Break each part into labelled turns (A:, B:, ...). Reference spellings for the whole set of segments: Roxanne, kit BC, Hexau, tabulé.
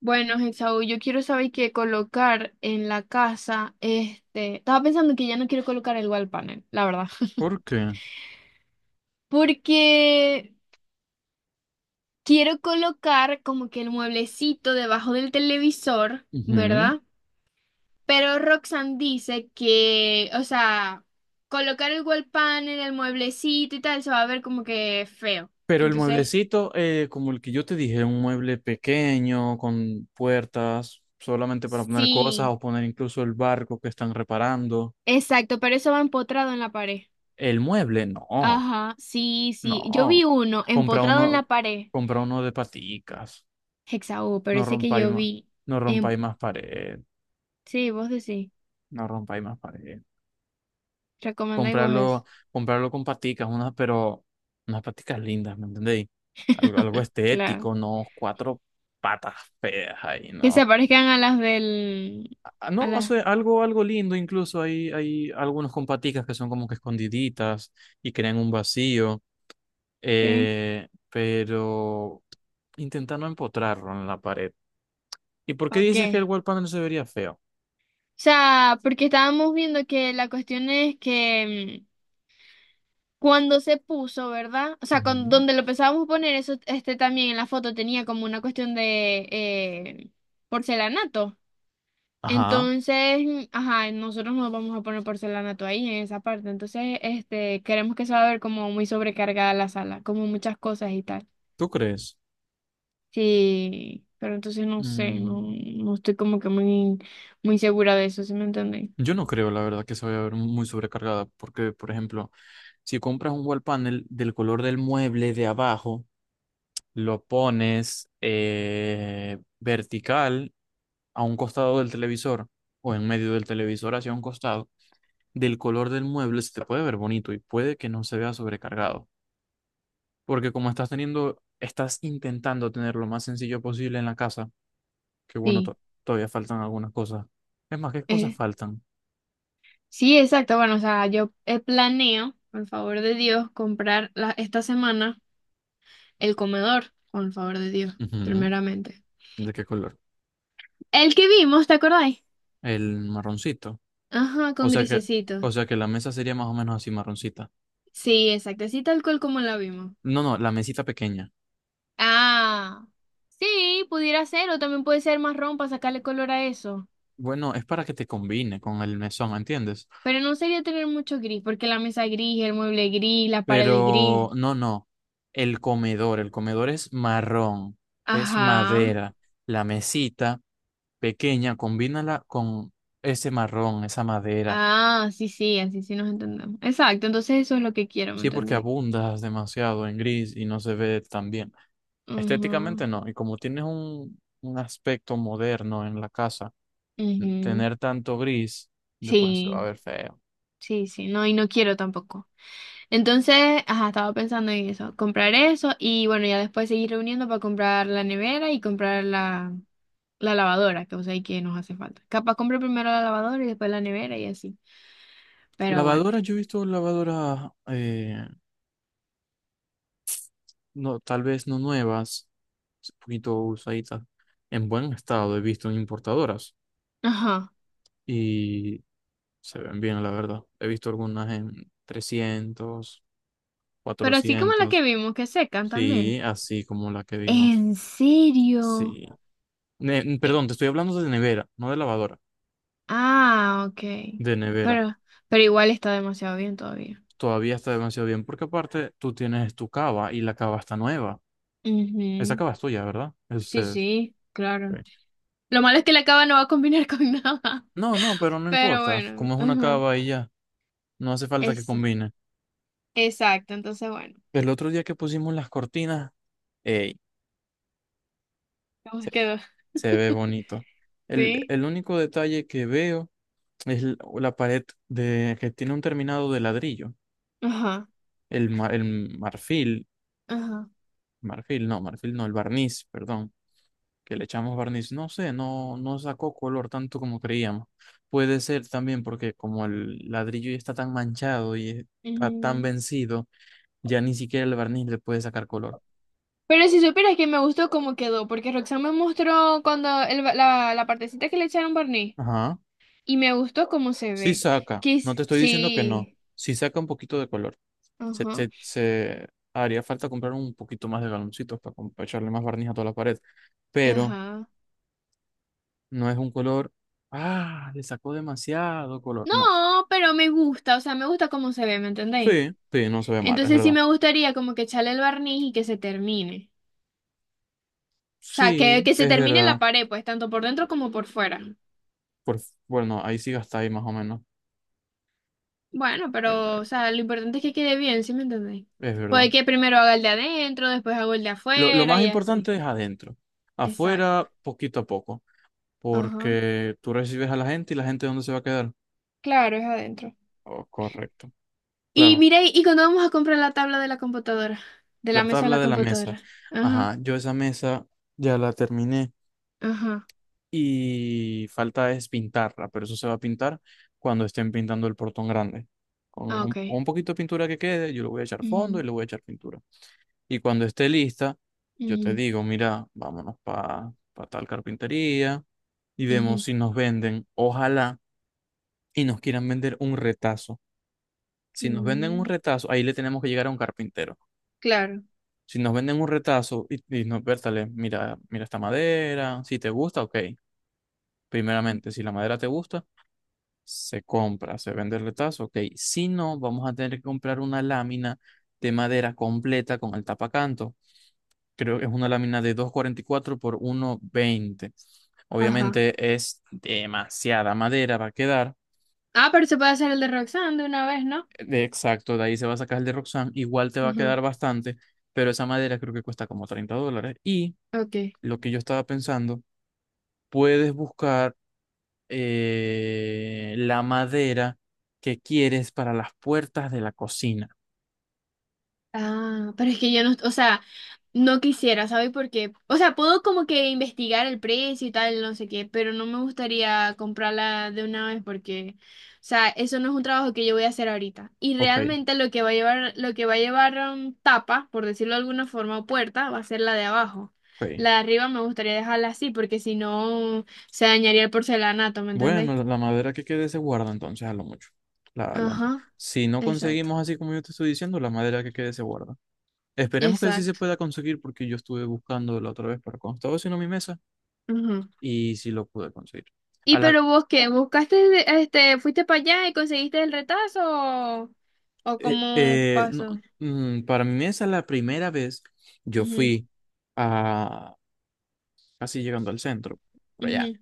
A: Bueno, Hexau, yo quiero saber qué colocar en la casa. Estaba pensando que ya no quiero colocar el wall panel, la verdad.
B: ¿Por qué?
A: Porque quiero colocar como que el mueblecito debajo del televisor,
B: Ujú.
A: ¿verdad? Pero Roxanne dice que, o sea, colocar el wall panel, el mueblecito y tal, se va a ver como que feo.
B: Pero el
A: Entonces,
B: mueblecito, como el que yo te dije, un mueble pequeño, con puertas, solamente para poner cosas
A: sí,
B: o poner incluso el barco que están reparando.
A: exacto, pero eso va empotrado en la pared.
B: El mueble, no,
A: Ajá, sí, sí. Yo vi
B: no.
A: uno
B: Compra
A: empotrado en la
B: uno,
A: pared,
B: compra uno de paticas.
A: Hexaú, pero
B: No
A: ese que
B: rompáis
A: yo
B: más,
A: vi
B: no
A: en...
B: rompáis más pared.
A: Sí, vos decís.
B: No rompáis más pared.
A: Recomendáis vos eso.
B: Comprarlo, comprarlo con paticas, unas, pero unas paticas lindas, ¿me entendéis? Algo, algo
A: Claro.
B: estético, no cuatro patas feas ahí,
A: Que se
B: ¿no?
A: parezcan a las del.
B: Ah, no,
A: A
B: o
A: las.
B: sea, algo, algo lindo, incluso hay algunos con paticas que son como que escondiditas y crean un vacío,
A: Sí.
B: pero intenta no empotrarlo en la pared. ¿Y por qué
A: Ok.
B: dices que el
A: O
B: wall panel se vería feo?
A: sea, porque estábamos viendo que la cuestión es que cuando se puso, ¿verdad? O sea,
B: Ujú.
A: donde lo pensábamos poner, eso también en la foto tenía como una cuestión de porcelanato.
B: Ajá,
A: Entonces, ajá, nosotros no vamos a poner porcelanato ahí en esa parte. Entonces, queremos que se va a ver como muy sobrecargada la sala, como muchas cosas y tal.
B: ¿tú crees?
A: Sí, pero entonces no sé, no,
B: Mm.
A: no estoy como que muy, muy segura de eso, ¿sí me entienden?
B: Yo no creo, la verdad, que se vaya a ver muy sobrecargada, porque, por ejemplo, si compras un wall panel del color del mueble de abajo, lo pones vertical a un costado del televisor o en medio del televisor hacia un costado, del color del mueble se te puede ver bonito y puede que no se vea sobrecargado, porque como estás teniendo, estás intentando tener lo más sencillo posible en la casa, que bueno,
A: Sí.
B: todavía faltan algunas cosas. Es más, ¿qué cosas
A: eh,
B: faltan?
A: sí, exacto. Bueno, o sea, yo planeo, por el favor de Dios, comprar esta semana el comedor, con el favor de Dios,
B: Ujú.
A: primeramente.
B: ¿De qué color?
A: El que vimos, ¿te acordáis?
B: El marroncito.
A: Ajá,
B: O
A: con
B: sea que,
A: grisecito.
B: o sea que la mesa sería más o menos así marroncita.
A: Sí, exacto, así tal cual como la vimos.
B: No, no, la mesita pequeña.
A: Ah, sí, pudiera ser, o también puede ser marrón para sacarle color a eso.
B: Bueno, es para que te combine con el mesón, ¿entiendes?
A: Pero no sería tener mucho gris, porque la mesa es gris, el mueble es gris, las paredes
B: Pero
A: gris.
B: no, no. El comedor es marrón, es
A: Ajá.
B: madera. La mesita pequeña, combínala con ese marrón, esa madera.
A: Ah, sí, sí, así sí nos entendemos. Exacto, entonces eso es lo que quiero, ¿me
B: Sí, porque
A: entendéis?
B: abundas demasiado en gris y no se ve tan bien. Estéticamente
A: Ujú.
B: no. Y como tienes un aspecto moderno en la casa,
A: Ujú,
B: tener tanto gris después se va a
A: sí,
B: ver feo.
A: sí, sí, no, y no quiero tampoco. Entonces, ajá, estaba pensando en eso, comprar eso y bueno, ya después seguir reuniendo para comprar la nevera y comprar la lavadora, que o sea, y que nos hace falta. Capaz compre primero la lavadora y después la nevera y así. Pero bueno.
B: Lavadoras, yo he visto lavadoras, no, tal vez no nuevas, un poquito usaditas, en buen estado. He visto en importadoras
A: Ajá.
B: y se ven bien, la verdad. He visto algunas en 300,
A: Pero así como la que
B: 400,
A: vimos, que secan también.
B: sí, así como la que vimos.
A: ¿En serio?
B: Sí.
A: Eh,
B: Perdón, te estoy hablando de nevera, no de lavadora,
A: ah, ok.
B: de nevera.
A: Pero, pero igual está demasiado bien todavía.
B: Todavía está demasiado bien porque aparte tú tienes tu cava y la cava está nueva. Esa
A: Ujú.
B: cava es tuya, ¿verdad? Es de
A: Sí,
B: ustedes.
A: sí, claro.
B: Sí.
A: Lo malo es que la cava no va a combinar con nada.
B: No, no, pero no
A: Pero
B: importa.
A: bueno,
B: Como es una
A: ajá.
B: cava y ya, no hace falta que
A: Esa.
B: combine.
A: Exacto, entonces bueno.
B: El otro día que pusimos las cortinas, ey,
A: ¿Cómo
B: se,
A: quedó?
B: se ve bonito. El,
A: ¿Sí?
B: el único detalle que veo es la pared de, que tiene un terminado de ladrillo.
A: Ajá,
B: El, el marfil,
A: ajá.
B: marfil no, el barniz, perdón que le echamos barniz, no sé, no, no sacó color tanto como creíamos. Puede ser también porque como el ladrillo ya está tan manchado y está tan
A: Ujú.
B: vencido, ya ni siquiera el barniz le puede sacar color.
A: Pero si supieras que me gustó cómo quedó, porque Roxanne me mostró cuando la partecita que le echaron barniz
B: Ajá,
A: y me gustó cómo se
B: sí
A: ve.
B: saca, no te
A: Quis,
B: estoy diciendo que no,
A: sí,
B: sí saca un poquito de color. Se,
A: ajá,
B: se, se haría falta comprar un poquito más de galoncitos para, para echarle más barniz a toda la pared, pero
A: ajá.
B: no es un color, ah, le sacó demasiado color,
A: No,
B: no.
A: pero me gusta, o sea, me gusta cómo se ve, ¿me entendéis?
B: Sí, sí, no se ve mal, es
A: Entonces sí
B: verdad.
A: me gustaría como que echarle el barniz y que se termine. O sea,
B: Sí,
A: que se
B: es
A: termine la
B: verdad.
A: pared, pues, tanto por dentro como por fuera.
B: Por, bueno, ahí sí gastáis más o menos.
A: Bueno,
B: Ahí
A: pero, o sea, lo importante es que quede bien, ¿sí me entendéis?
B: es verdad.
A: Puede que primero haga el de adentro, después hago el de
B: Lo
A: afuera
B: más
A: y así.
B: importante es adentro.
A: Exacto.
B: Afuera, poquito a poco.
A: Ajá.
B: Porque tú recibes a la gente y la gente ¿dónde se va a quedar?
A: Claro, es adentro.
B: Oh, correcto.
A: Y
B: Claro,
A: mira, ¿y cuando vamos a comprar la tabla de la computadora? De
B: la
A: la mesa de
B: tabla
A: la
B: de la mesa.
A: computadora. Ajá,
B: Ajá, yo esa mesa ya la terminé
A: ajá.
B: y falta es pintarla, pero eso se va a pintar cuando estén pintando el portón grande. Con
A: Ah, ok.
B: un poquito de pintura que quede, yo le voy a echar fondo y
A: Ujú,
B: le voy a echar pintura. Y cuando esté lista, yo te
A: ujú,
B: digo, mira, vámonos para tal carpintería y vemos
A: ujú.
B: si nos venden, ojalá, y nos quieran vender un retazo. Si nos venden un
A: Mm,
B: retazo, ahí le tenemos que llegar a un carpintero.
A: claro.
B: Si nos venden un retazo y nos, Bertale, mira, mira esta madera, si te gusta, ok. Primeramente, si la madera te gusta, se compra, se vende el retazo, ok. Si no, vamos a tener que comprar una lámina de madera completa con el tapacanto, creo que es una lámina de 2.44 por 1.20.
A: Ajá.
B: Obviamente es demasiada madera, va a quedar.
A: Ah, pero se puede hacer el de Roxanne de una vez, ¿no?
B: De exacto, de ahí se va a sacar el de Roxanne. Igual te va a
A: Ajá.
B: quedar bastante, pero esa madera creo que cuesta como $30. Y
A: Ok.
B: lo que yo estaba pensando, puedes buscar la madera que quieres para las puertas de la cocina.
A: Ah, pero es que yo no, o sea. No quisiera, ¿sabes por qué? O sea, puedo como que investigar el precio y tal, no sé qué, pero no me gustaría comprarla de una vez porque, o sea, eso no es un trabajo que yo voy a hacer ahorita. Y
B: Ok,
A: realmente lo que va a llevar, lo que va a llevar tapa, por decirlo de alguna forma, o puerta, va a ser la de abajo.
B: ok.
A: La de arriba me gustaría dejarla así porque si no se dañaría el porcelanato, ¿me entendéis?
B: Bueno, la la madera que quede se guarda entonces a lo mucho. La,
A: Ajá,
B: si no
A: exacto,
B: conseguimos así como yo te estoy diciendo, la madera que quede se guarda. Esperemos que sí se
A: exacto.
B: pueda conseguir porque yo estuve buscando la otra vez para cuando estaba haciendo mi mesa y sí lo pude conseguir. A
A: Y
B: la,
A: pero vos qué, buscaste, fuiste para allá y conseguiste el retazo o cómo
B: no,
A: pasó.
B: para mi mesa la primera vez yo
A: Ujú,
B: fui a casi llegando al centro, por allá,
A: ujú,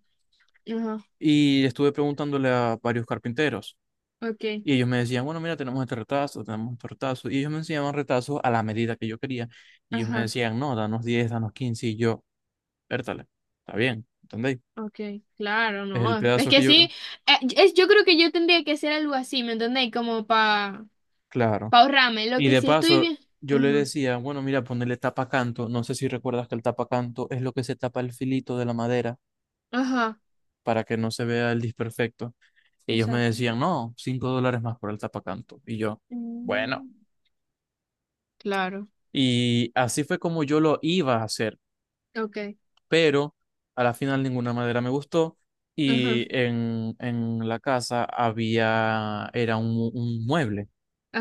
A: ajá,
B: y estuve preguntándole a varios carpinteros.
A: okay,
B: Y ellos me decían, bueno, mira, tenemos este retazo, tenemos este retazo. Y ellos me enseñaban retazos a la medida que yo quería. Y ellos me
A: ajá,
B: decían, no, danos 10, danos 15. Y yo, vértale, está bien, ¿entendéis?
A: okay, claro,
B: Es el
A: no. Es
B: pedazo que
A: que
B: yo,
A: sí, yo creo que yo tendría que hacer algo así, ¿me entendéis? Como para pa
B: claro.
A: pa ahorrarme, lo
B: Y
A: que
B: de
A: sí estoy
B: paso,
A: bien.
B: yo le
A: Ajá,
B: decía, bueno, mira, ponerle tapacanto. No sé si recuerdas que el tapacanto es lo que se tapa el filito de la madera
A: ajá,
B: para que no se vea el disperfecto. Ellos me
A: exacto.
B: decían, no, $5 más por el tapacanto. Y yo, bueno.
A: Mm, claro,
B: Y así fue como yo lo iba a hacer.
A: okay,
B: Pero a la final ninguna madera me gustó y
A: ajá,
B: en la casa había, era un mueble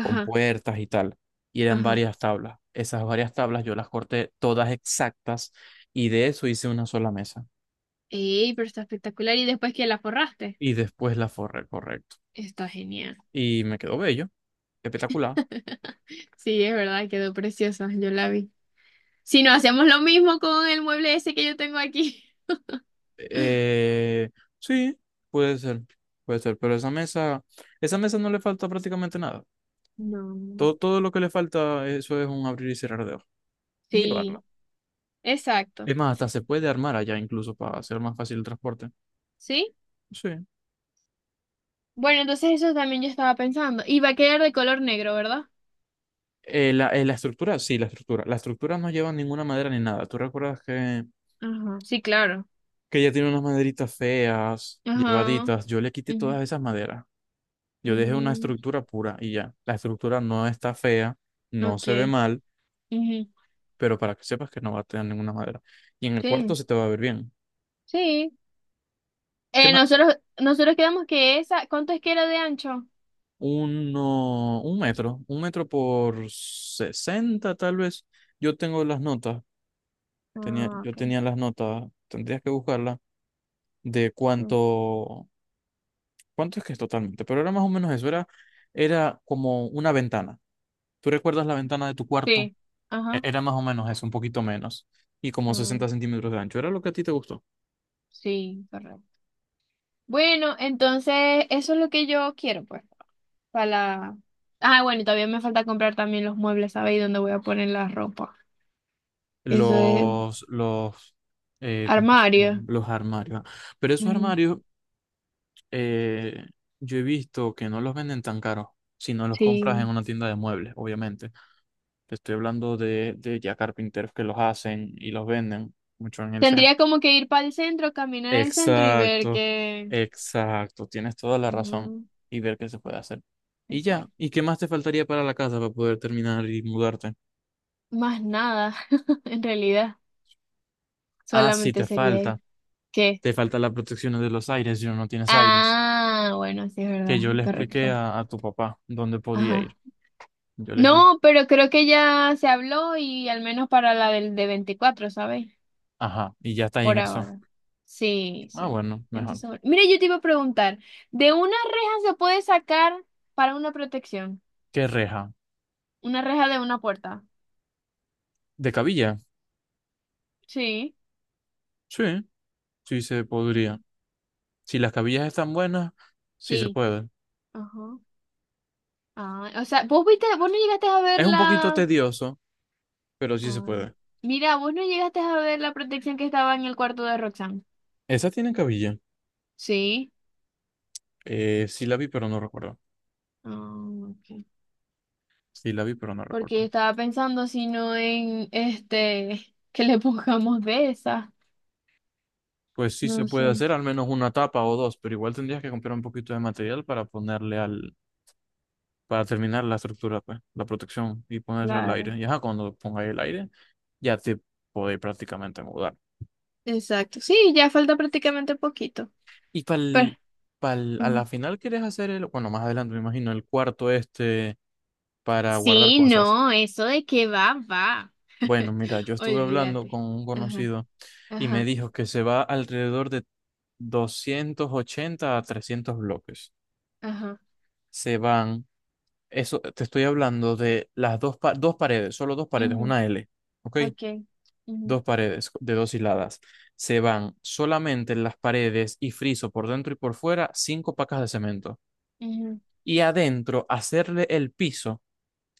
B: con puertas y tal, y eran
A: ajá.
B: varias tablas. Esas varias tablas yo las corté todas exactas y de eso hice una sola mesa
A: Ey, pero está espectacular y después que la forraste.
B: y después la forré, correcto.
A: Está genial.
B: Y me quedó bello, espectacular.
A: Sí, es verdad, quedó preciosa, yo la vi. Si no, hacemos lo mismo con el mueble ese que yo tengo aquí.
B: Eh, sí, puede ser, puede ser, pero esa mesa no le falta prácticamente nada.
A: No.
B: Todo, todo lo que le falta, eso es un abrir y cerrar de ojos y llevarla.
A: Sí, exacto.
B: Es más, hasta se puede armar allá incluso para hacer más fácil el transporte.
A: ¿Sí?
B: Sí.
A: Bueno, entonces eso también yo estaba pensando. Y va a quedar de color negro, ¿verdad?
B: La estructura, sí, la estructura. La estructura no lleva ninguna madera ni nada. ¿Tú recuerdas que,
A: Ajá, sí, claro.
B: ella tiene unas maderitas feas,
A: Ajá.
B: llevaditas? Yo le quité
A: Ujú.
B: todas esas maderas. Yo dejé una
A: Mm,
B: estructura pura y ya. La estructura no está fea, no
A: ok.
B: se ve mal,
A: Ujú.
B: pero para que sepas que no va a tener ninguna madera. Y en el cuarto
A: Sí.
B: se te va a ver bien.
A: Sí.
B: ¿Qué
A: Eh,
B: más?
A: nosotros, nosotros quedamos que esa, ¿cuánto es que era de ancho?
B: Uno, un metro, 1 metro por 60 tal vez. Yo tengo las notas. Tenía,
A: Ah,
B: yo
A: ok.
B: tenía las notas, tendrías que buscarlas, de
A: Sí.
B: cuánto, cuánto es que es totalmente, pero era más o menos eso, era, era como una ventana. ¿Tú recuerdas la ventana de tu cuarto?
A: Sí. Ajá.
B: Era más o menos eso, un poquito menos, y como
A: Ah,
B: 60 centímetros de ancho, era lo que a ti te gustó.
A: sí, correcto. Bueno, entonces eso es lo que yo quiero, pues, para la. Ah, bueno, y todavía me falta comprar también los muebles, ¿sabes? Y dónde voy a poner la ropa. Eso es
B: Los, ¿cómo se llaman?
A: armario.
B: Los armarios. Ah. Pero esos
A: Ujú,
B: armarios, eh, yo he visto que no los venden tan caros, si no los compras en
A: sí.
B: una tienda de muebles, obviamente. Te estoy hablando de, ya carpinteros que los hacen y los venden mucho en el centro.
A: Tendría como que ir para el centro, caminar al centro y ver
B: Exacto,
A: qué.
B: exacto, tienes toda la razón
A: Ujú,
B: y ver qué se puede hacer. Y ya,
A: exacto.
B: ¿y qué más te faltaría para la casa para poder terminar y mudarte?
A: Más nada, en realidad.
B: Ah, sí,
A: Solamente sería eso. ¿Qué?
B: te falta la protección de los aires, yo no, no tienes aires.
A: Ah, bueno, sí es
B: Que
A: verdad,
B: yo le expliqué
A: correcto.
B: a tu papá dónde podía ir.
A: Ajá.
B: Yo le expliqué.
A: No, pero creo que ya se habló y al menos para la del de 24, ¿sabes?
B: Ajá, y ya está ahí en
A: Por
B: eso.
A: ahora. Sí,
B: Ah,
A: sí.
B: bueno, mejor.
A: Entonces, bueno. Mira, yo te iba a preguntar, ¿de una reja se puede sacar para una protección?
B: ¿Qué reja?
A: Una reja de una puerta.
B: ¿De cabilla?
A: Sí.
B: Sí, sí se podría.
A: Mm.
B: Si las cabillas están buenas, sí se
A: Sí.
B: puede.
A: Ajá. Ah, o sea, vos viste, vos no llegaste a ver
B: Es un poquito
A: la.
B: tedioso, pero sí se
A: Ah.
B: puede.
A: Mira, vos no llegaste a ver la protección que estaba en el cuarto de Roxanne.
B: ¿Esa tiene cabilla?
A: Sí.
B: Sí la vi, pero no recuerdo.
A: Ah, ok.
B: Sí la vi, pero no
A: Porque yo
B: recuerdo.
A: estaba pensando si no en este, que le pongamos de esa.
B: Pues sí se
A: No
B: puede
A: sé.
B: hacer al menos una tapa o dos, pero igual tendrías que comprar un poquito de material para ponerle para terminar la estructura, pues, la protección y ponerse al
A: Claro.
B: aire. Y ajá, cuando pongáis el aire, ya te podéis prácticamente mudar.
A: Exacto. Sí, ya falta prácticamente poquito.
B: Y para
A: Pero,
B: a
A: mm,
B: la final quieres hacer el, bueno, más adelante me imagino, el cuarto este para guardar
A: Sí,
B: cosas.
A: no, eso de que va, va.
B: Bueno, mira, yo estuve hablando
A: Olvídate.
B: con un
A: Ajá,
B: conocido y me
A: ajá,
B: dijo que se va alrededor de 280 a 300 bloques.
A: ajá.
B: Se van, eso te estoy hablando de las dos, dos paredes, solo dos paredes,
A: Ujú,
B: una L, ¿ok?
A: ok. Ujú,
B: Dos paredes de dos hiladas. Se van solamente las paredes y friso por dentro y por fuera, 5 pacas de cemento.
A: ujú,
B: Y adentro, hacerle el piso,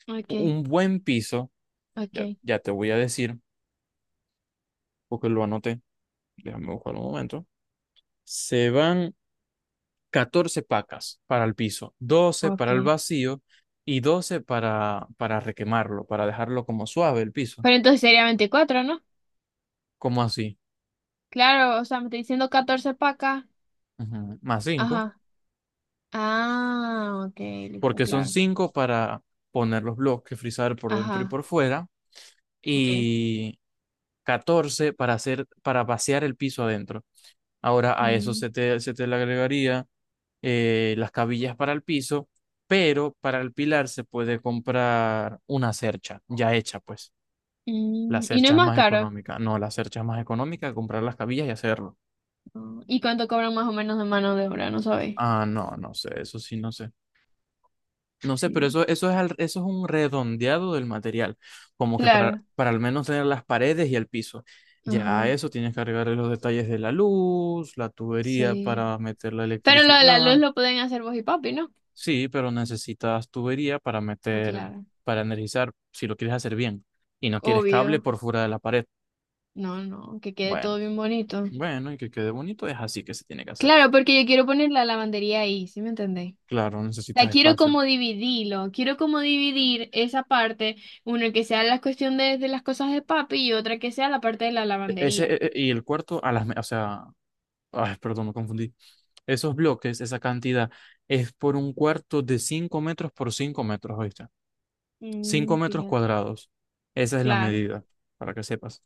A: ok,
B: un buen piso,
A: ok,
B: ya, ya te voy a decir, porque lo anoté, déjame buscar un momento. Se van 14 pacas para el piso, 12
A: ok.
B: para el vacío y 12 para requemarlo, para dejarlo como suave el piso,
A: Pero entonces sería 24, ¿no?
B: como así,
A: Claro, o sea, me está diciendo 14 para acá.
B: ujú. Más 5,
A: Ajá. Ah, ok, listo,
B: porque son
A: claro.
B: 5 para poner los bloques, frizar por dentro y
A: Ajá,
B: por fuera,
A: ok.
B: y 14 para hacer, para vaciar el piso adentro. Ahora a eso
A: Mm,
B: se te le agregaría las cabillas para el piso, pero para el pilar se puede comprar una cercha ya hecha, pues. Las
A: ¿Y no es
B: cerchas
A: más
B: más
A: caro?
B: económicas. No, las cerchas más económicas, comprar las cabillas y hacerlo.
A: No. ¿Y cuánto cobran más o menos de mano de obra? No sabéis.
B: Ah, no, no sé, eso sí, no sé. No sé, pero eso es, eso es un redondeado del material, como que
A: Claro.
B: para al menos tener las paredes y el piso. Ya a
A: Ajá.
B: eso tienes que agregarle los detalles de la luz, la tubería
A: Sí.
B: para meter la
A: Pero lo de la luz
B: electricidad.
A: lo pueden hacer vos y papi, ¿no?
B: Sí, pero necesitas tubería para
A: Ah,
B: meter,
A: claro.
B: para energizar, si lo quieres hacer bien. Y no quieres cable
A: Obvio.
B: por fuera de la pared.
A: No, no, que quede todo
B: Bueno,
A: bien bonito.
B: bueno, y que quede bonito, es así que se tiene que hacer.
A: Claro, porque yo quiero poner la lavandería ahí, ¿sí me entendéis?
B: Claro,
A: La
B: necesitas
A: quiero
B: espacio.
A: como dividirlo, quiero como dividir esa parte, una que sea la cuestión de las cosas de papi y otra que sea la parte de la lavandería.
B: Y el cuarto, o sea, ay, perdón, me confundí. Esos bloques, esa cantidad, es por un cuarto de 5 metros por 5 metros, ¿oíste? cinco
A: Mm,
B: metros
A: fíjate,
B: cuadrados. Esa es la
A: claro.
B: medida, para que sepas.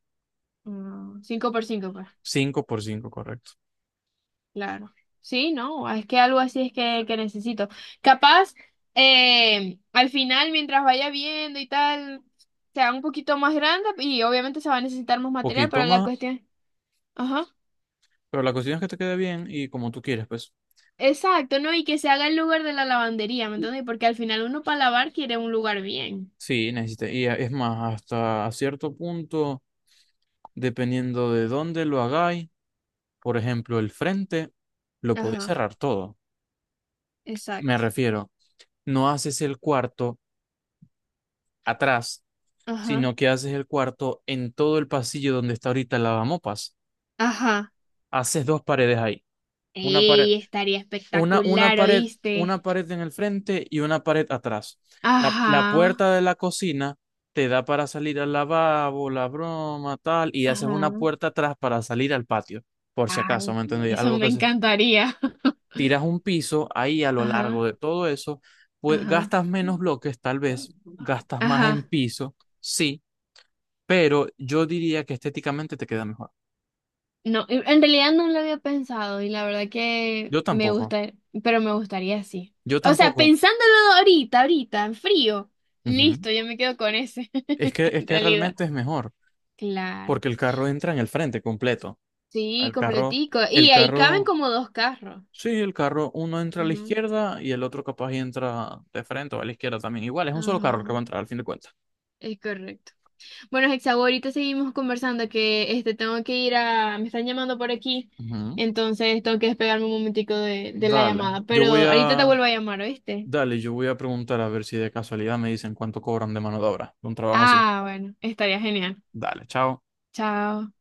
A: 5 por 5, pues.
B: 5 por 5, correcto.
A: Claro. Sí, no, es que algo así es que necesito. Capaz, al final, mientras vaya viendo y tal, sea un poquito más grande y obviamente se va a necesitar más material,
B: Poquito
A: pero la
B: más,
A: cuestión. Ajá.
B: pero la cuestión es que te quede bien y como tú quieres, pues.
A: Exacto, ¿no? Y que se haga el lugar de la lavandería, ¿me
B: Y-
A: entiendes? Porque al final uno para lavar quiere un lugar bien.
B: Sí, necesitas. Es más, hasta cierto punto, dependiendo de dónde lo hagáis, por ejemplo, el frente, lo podéis
A: Ajá,
B: cerrar todo. Me
A: exacto.
B: refiero, no haces el cuarto atrás,
A: Ajá.
B: sino que haces el cuarto en todo el pasillo donde está ahorita el lavamopas.
A: Ajá.
B: Haces dos paredes ahí, una pared,
A: Ey, estaría
B: una
A: espectacular,
B: pared,
A: ¿oíste?
B: una pared en el frente y una pared atrás. La
A: Ajá.
B: puerta de la cocina te da para salir al lavabo, la broma, tal, y haces una
A: Ajá.
B: puerta atrás para salir al patio, por si acaso,
A: Ay,
B: ¿me entendí?
A: eso
B: Algo
A: me
B: que se...
A: encantaría.
B: Tiras un piso ahí a lo largo
A: Ajá.
B: de todo eso, pues
A: Ajá,
B: gastas menos bloques, tal vez, gastas más en
A: ajá.
B: piso, sí, pero yo diría que estéticamente te queda mejor.
A: No, en realidad no lo había pensado y la verdad que
B: Yo
A: me
B: tampoco,
A: gusta, pero me gustaría así.
B: yo
A: O sea,
B: tampoco.
A: pensándolo ahorita, ahorita, en frío,
B: Ujú.
A: listo, yo me quedo con ese,
B: Es
A: en
B: que
A: realidad.
B: realmente es mejor,
A: Claro.
B: porque el carro entra en el frente completo.
A: Sí,
B: El carro,
A: completico. Y
B: el
A: ahí caben
B: carro,
A: como dos carros.
B: sí, el carro, uno entra a la
A: Ujú,
B: izquierda y el otro capaz y entra de frente o a la izquierda también. Igual, es un solo
A: ajá,
B: carro el que va a entrar al fin de cuentas.
A: es correcto. Bueno, Hexago, ahorita seguimos conversando que tengo que ir me están llamando por aquí,
B: Ujú.
A: entonces tengo que despegarme un momentico de la
B: Dale,
A: llamada,
B: yo
A: pero
B: voy
A: ahorita te
B: a,
A: vuelvo a llamar, ¿oíste?
B: dale, yo voy a preguntar a ver si de casualidad me dicen cuánto cobran de mano de obra de un trabajo así.
A: Ah, bueno, estaría genial.
B: Dale, chao.
A: Chao.